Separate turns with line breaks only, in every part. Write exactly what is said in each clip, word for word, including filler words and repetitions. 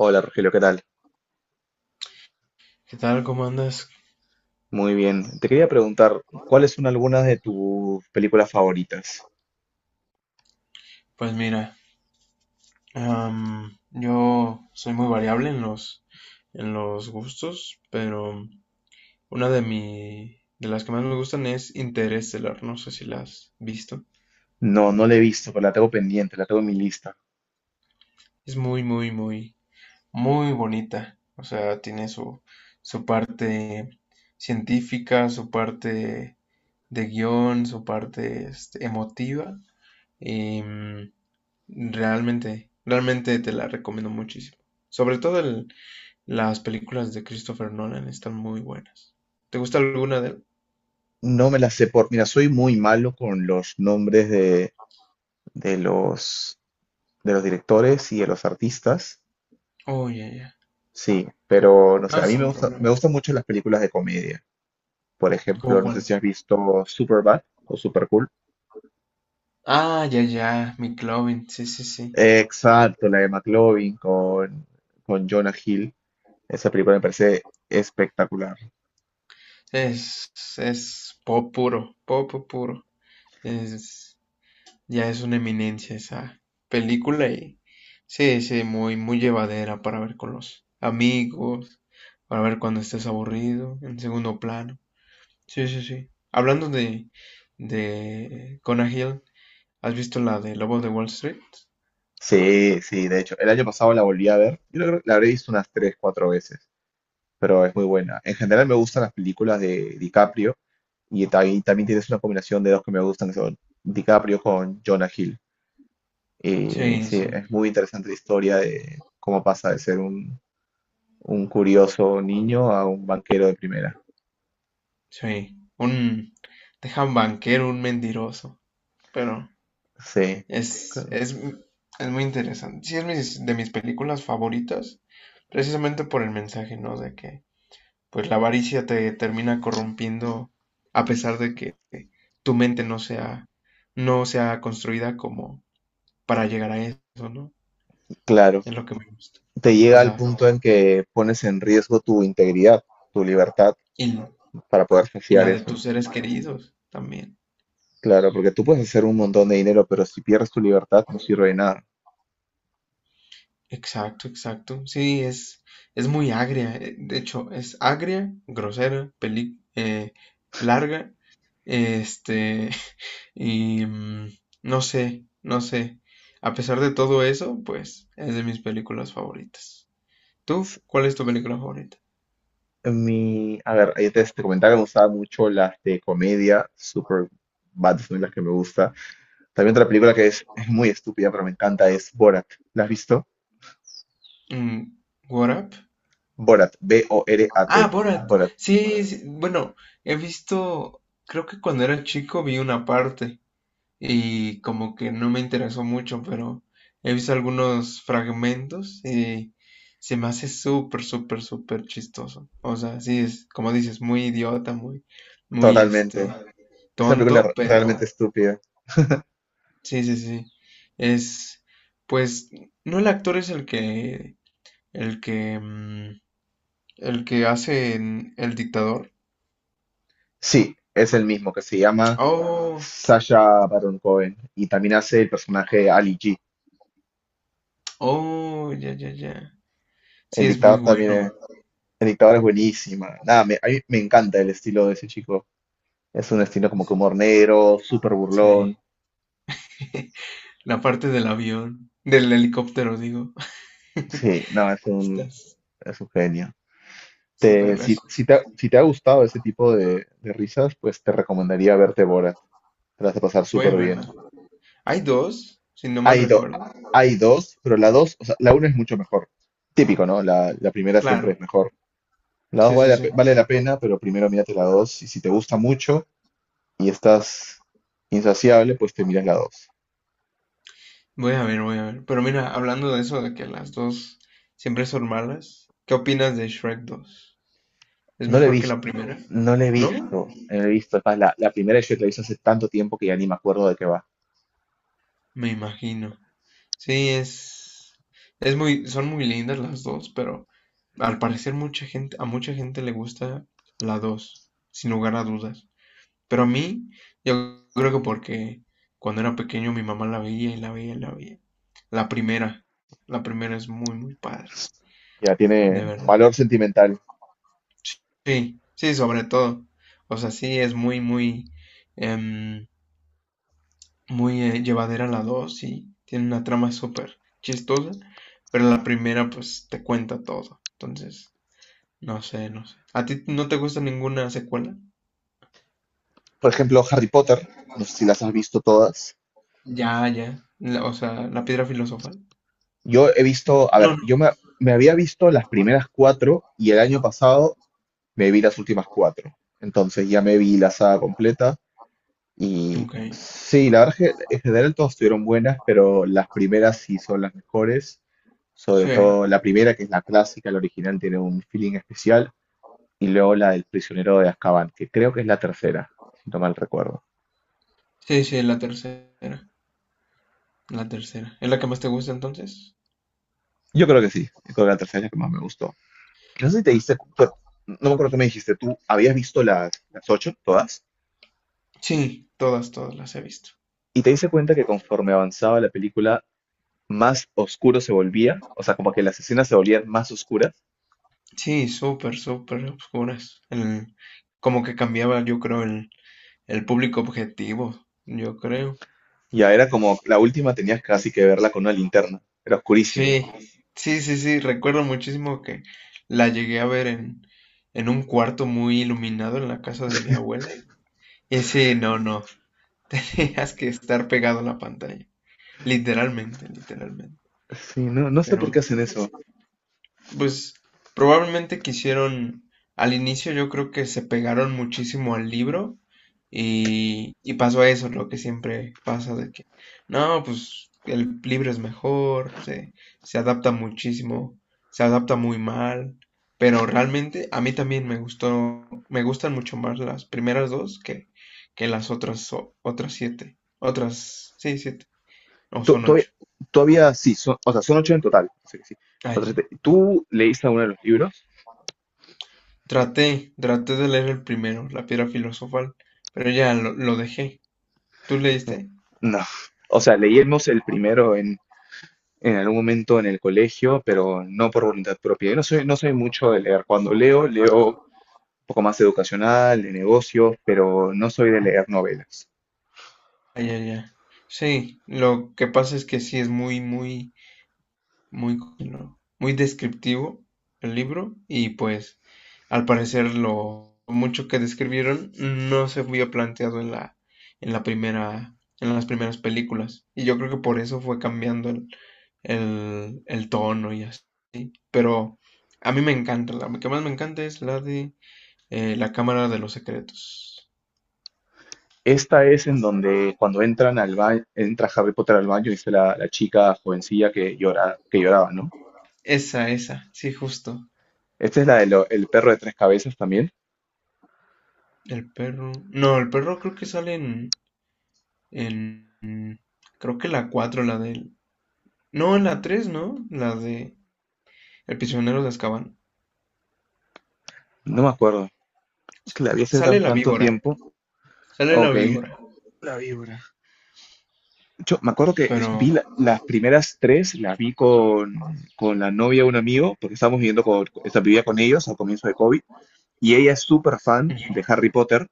Hola Rogelio, ¿qué tal?
¿Qué tal? ¿Cómo andas?
Muy bien. Te quería preguntar, ¿cuáles son algunas de tus películas favoritas?
Pues mira, am, yo soy muy variable en los, en los gustos, pero una de mi, de las que más me gustan es Interestelar. No sé si la has visto.
No, no la he visto, pero la tengo pendiente, la tengo en mi lista.
Es muy, muy, muy, muy bonita. O sea, tiene su, su parte científica, su parte de guión, su parte este, emotiva. Y mm, realmente, realmente te la recomiendo muchísimo. Sobre todo el, las películas de Christopher Nolan están muy buenas. ¿Te gusta alguna de él?
No me la sé por... Mira, soy muy malo con los nombres de, de los, de los directores y de los artistas.
Oh, ya, ya.
Sí, pero no sé,
No,
a mí me
sin
gusta,
problema.
me gustan mucho las películas de comedia. Por
¿Cómo
ejemplo, no sé si
cuál?
has visto Superbad o Supercool.
Ah, ya, ya. McLovin. Sí, sí, sí.
Exacto, la de McLovin con, con Jonah Hill. Esa película me parece espectacular.
Es, es pop puro. Pop puro. Es, ya es una eminencia esa película y sí, sí, muy, muy llevadera para ver con los amigos, para ver cuando estés aburrido, en segundo plano. Sí, sí, sí. Hablando de, de Conah Hill, ¿has visto la de Lobo de Wall Street?
Sí, sí, de hecho, el año pasado la volví a ver. Yo creo que la habré visto unas tres, cuatro veces, pero es muy buena. En general me gustan las películas de DiCaprio y también, también tienes una combinación de dos que me gustan, que son DiCaprio con Jonah Hill. Y
Sí,
sí,
sí,
es muy interesante la historia de cómo pasa de ser un, un curioso niño a un banquero de primera.
sí. Un, deja un banquero, un mentiroso. Pero
Sí,
es,
claro.
es, es muy interesante. Sí, es mis- de mis películas favoritas, precisamente por el mensaje, ¿no? De que, pues, la avaricia te termina corrompiendo a pesar de que tu mente no sea, no sea construida como para llegar a eso, ¿no?
Claro,
Es lo que me gusta.
te
O
llega al
sea,
punto en que pones en riesgo tu integridad, tu libertad
y,
para poder
y
saciar
la de
eso.
tus seres queridos también.
Claro, porque tú puedes hacer un montón de dinero, pero si pierdes tu libertad no sirve de nada.
Exacto, exacto. Sí, es, es muy agria. eh, De hecho, es agria, grosera, peli, eh, larga. Este, y mm, no sé, no sé. A pesar de todo eso, pues es de mis películas favoritas. ¿Tú?
S-
¿Cuál es tu película favorita?
Mi, a ver, ahí te, te comentaba que me gustaban mucho las de comedia, super bad son las que me gusta. También otra película que es, es muy estúpida, pero me encanta es Borat. ¿La has visto?
Mm, What Up?
Borat, B O R A T.
Ah, Borat.
Borat,
Sí, sí, bueno, he visto, creo que cuando era chico vi una parte, y como que no me interesó mucho, pero he visto algunos fragmentos y se me hace súper, súper, súper chistoso. O sea, sí es, como dices, muy idiota, muy, muy este,
totalmente. Esa película es
tonto,
re- realmente
pero
estúpida.
sí, sí, sí. Es, pues, no, el actor es el que, el que, mm, el que hace en el dictador.
Sí, es el mismo, que se llama
Oh,
Sasha Baron Cohen y también hace el personaje de Ali G.
oh, ya, ya, ya. Sí,
El
es muy
dictador
bueno.
también. La dictadura es buenísima. Nada, me, a mí me encanta el estilo de ese chico. Es un estilo como que humor negro, súper burlón.
Sí. La parte del avión, del helicóptero, digo.
Sí, no, es un,
Estás
es un genio.
súper
Te- si, si
gracioso.
te, ha- si te ha gustado ese tipo de, de risas, pues te recomendaría verte Borat. Te la vas a pasar
Voy a
súper
verla.
bien.
Hay dos, si no mal
Hay, do-
recuerdo.
Hay dos, pero la dos, o sea, la una es mucho mejor. Típico, ¿no? La, la primera siempre
Claro,
es mejor. La dos
sí,
vale
sí,
la, pe-
sí.
vale la pena, pero primero mírate la dos. Y si te gusta mucho y estás insaciable, pues te miras la dos.
Voy a ver, voy a ver. Pero mira, hablando de eso, de que las dos siempre son malas, ¿qué opinas de Shrek dos? ¿Es
No lo he
mejor que
visto,
la primera?
no lo he visto,
¿No?
no lo he visto. Es más, la, la primera yo la hice hace tanto tiempo que ya ni me acuerdo de qué va.
Me imagino. Sí, es, es muy, son muy lindas las dos, pero al parecer mucha gente, a mucha gente le gusta la dos, sin lugar a dudas. Pero a mí, yo creo que porque cuando era pequeño mi mamá la veía y la veía y la veía. La primera, la primera es muy, muy padre,
Ya
de
tiene
verdad.
valor sentimental.
Sí, sí, sobre todo. O sea, sí, es muy, muy, em, muy eh, llevadera la dos y tiene una trama súper chistosa, pero la primera pues te cuenta todo. Entonces, no sé, no sé. ¿A ti no te gusta ninguna secuela?
Por ejemplo, Harry Potter, no sé si las has visto todas.
Ya, ya. La- o sea, la piedra filosofal.
Yo he visto, a
No,
ver, yo me, me había visto las primeras cuatro y el año pasado me vi las últimas cuatro. Entonces ya me vi la saga completa
no.
y
Ok.
sí, la verdad es que en general todas estuvieron buenas, pero las primeras sí son las mejores. Sobre
Sí,
todo la primera, que es la clásica, la original, tiene un feeling especial. Y luego la del prisionero de Azkaban, que creo que es la tercera, si no mal recuerdo.
sí, sí, la tercera, la tercera. ¿Es la que más te gusta entonces?
Yo creo que sí, yo creo que la tercera es la que más me gustó. No sé si te diste, cu- pero no me acuerdo qué me dijiste, tú habías visto las, las ocho, todas,
Sí, todas, todas las he visto.
y te diste cuenta que conforme avanzaba la película, más oscuro se volvía, o sea, como que las escenas se volvían más oscuras,
Sí, súper, súper oscuras. El- como que cambiaba, yo creo, el, el público objetivo, yo creo.
y ya era como, la última tenías casi que verla con una linterna, era oscurísima.
Sí, sí, sí, sí, recuerdo muchísimo que la llegué a ver en, en un cuarto muy iluminado en la casa de mi abuela. Y sí, no, no, tenías que estar pegado a la pantalla, literalmente, literalmente.
Sí, no, no sé
Pero...
por qué hacen eso.
pues probablemente quisieron, al inicio yo creo que se pegaron muchísimo al libro y, y pasó eso, lo que siempre pasa de que, no, pues el libro es mejor, se, se adapta muchísimo, se adapta muy mal, pero realmente a mí también me gustó, me gustan mucho más las primeras dos que, que las otras, o- otras siete, otras, sí, siete, o
Tú,
son
Todavía,
ocho.
todavía sí, son, o sea, son ocho en total, así que sí. Otras
Ay,
te- ¿Tú leíste alguno de los libros?
Traté, traté de leer el primero, La piedra filosofal, pero ya lo, lo dejé. ¿Tú leíste?
No, o sea, leímos el primero en, en algún momento en el colegio, pero no por voluntad propia. Yo no soy, no soy mucho de leer. Cuando leo, leo un poco más educacional, de negocios, pero no soy de leer novelas.
Ah, ya, ya. Sí, lo que pasa es que sí es muy, muy, muy, ¿no?, muy descriptivo el libro y pues al parecer lo mucho que describieron no se había planteado en la, en la primera, en las primeras películas. Y yo creo que por eso fue cambiando el, el, el tono y así. Pero a mí me encanta, la que más me encanta es la de Eh, la Cámara de los Secretos.
Esta es en donde cuando entran al baño, entra Harry Potter al baño, dice la, la chica jovencilla que llora, que lloraba, ¿no?
Esa, esa, sí, justo.
Esta es la del el perro de tres cabezas también.
El perro. No, el perro creo que sale en. en creo que la cuatro la del. No, en la tres, ¿no? La de el prisionero de Azkaban.
No me acuerdo. Que la vi hace tan,
Sale la
tanto
víbora.
tiempo.
Sale la
Ok,
víbora.
la víbora. Yo me acuerdo que es-
Pero...
vi la- las primeras tres, las vi con, con la novia de un amigo, porque estábamos viviendo con, esta vivía con ellos al comienzo de COVID, y ella es súper fan
mm,
de Harry Potter,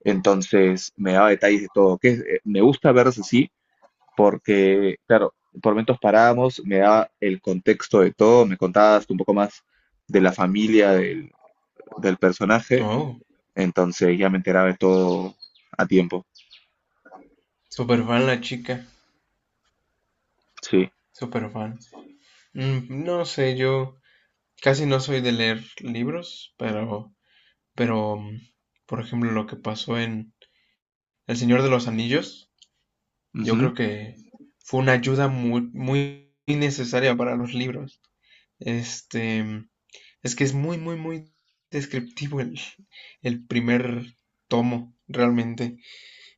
entonces me daba detalles de todo, que es- eh, me gusta verlos así, porque claro, por momentos parábamos, me daba el contexto de todo, me contabas un poco más de la familia del, del personaje,
oh,
entonces ya me enteraba de todo a tiempo,
super fan la chica.
sí.
Super fan. Mm, No sé, yo casi no soy de leer libros, pero... pero mm, por ejemplo, lo que pasó en El Señor de los Anillos. Yo
Ujú.
creo que fue una ayuda muy, muy necesaria para los libros. Este, es que es muy, muy, muy descriptivo el, el primer tomo, realmente.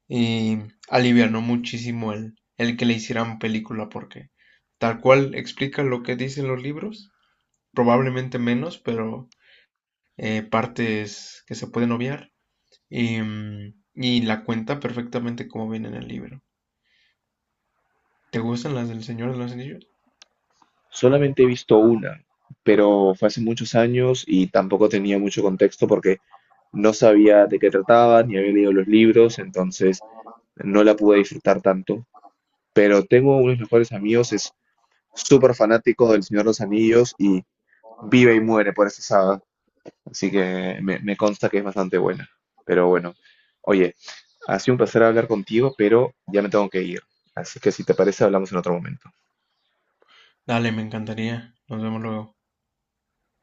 Y alivianó muchísimo el, el que le hicieran película, porque tal cual explica lo que dicen los libros, probablemente menos, pero eh, partes que se pueden obviar. Y, mm, y la cuenta perfectamente como viene en el libro. ¿Te gustan las del Señor de los Anillos?
Solamente he visto una, pero fue hace muchos años y tampoco tenía mucho contexto porque no sabía de qué trataba, ni había leído los libros, entonces no la pude disfrutar tanto. Pero tengo uno de mis mejores amigos, es súper fanático del Señor de los Anillos y vive y muere por esa saga, así que me, me consta que es bastante buena. Pero bueno, oye, ha sido un placer hablar contigo, pero ya me tengo que ir, así que si te parece hablamos en otro momento.
Dale, me encantaría. Nos vemos luego.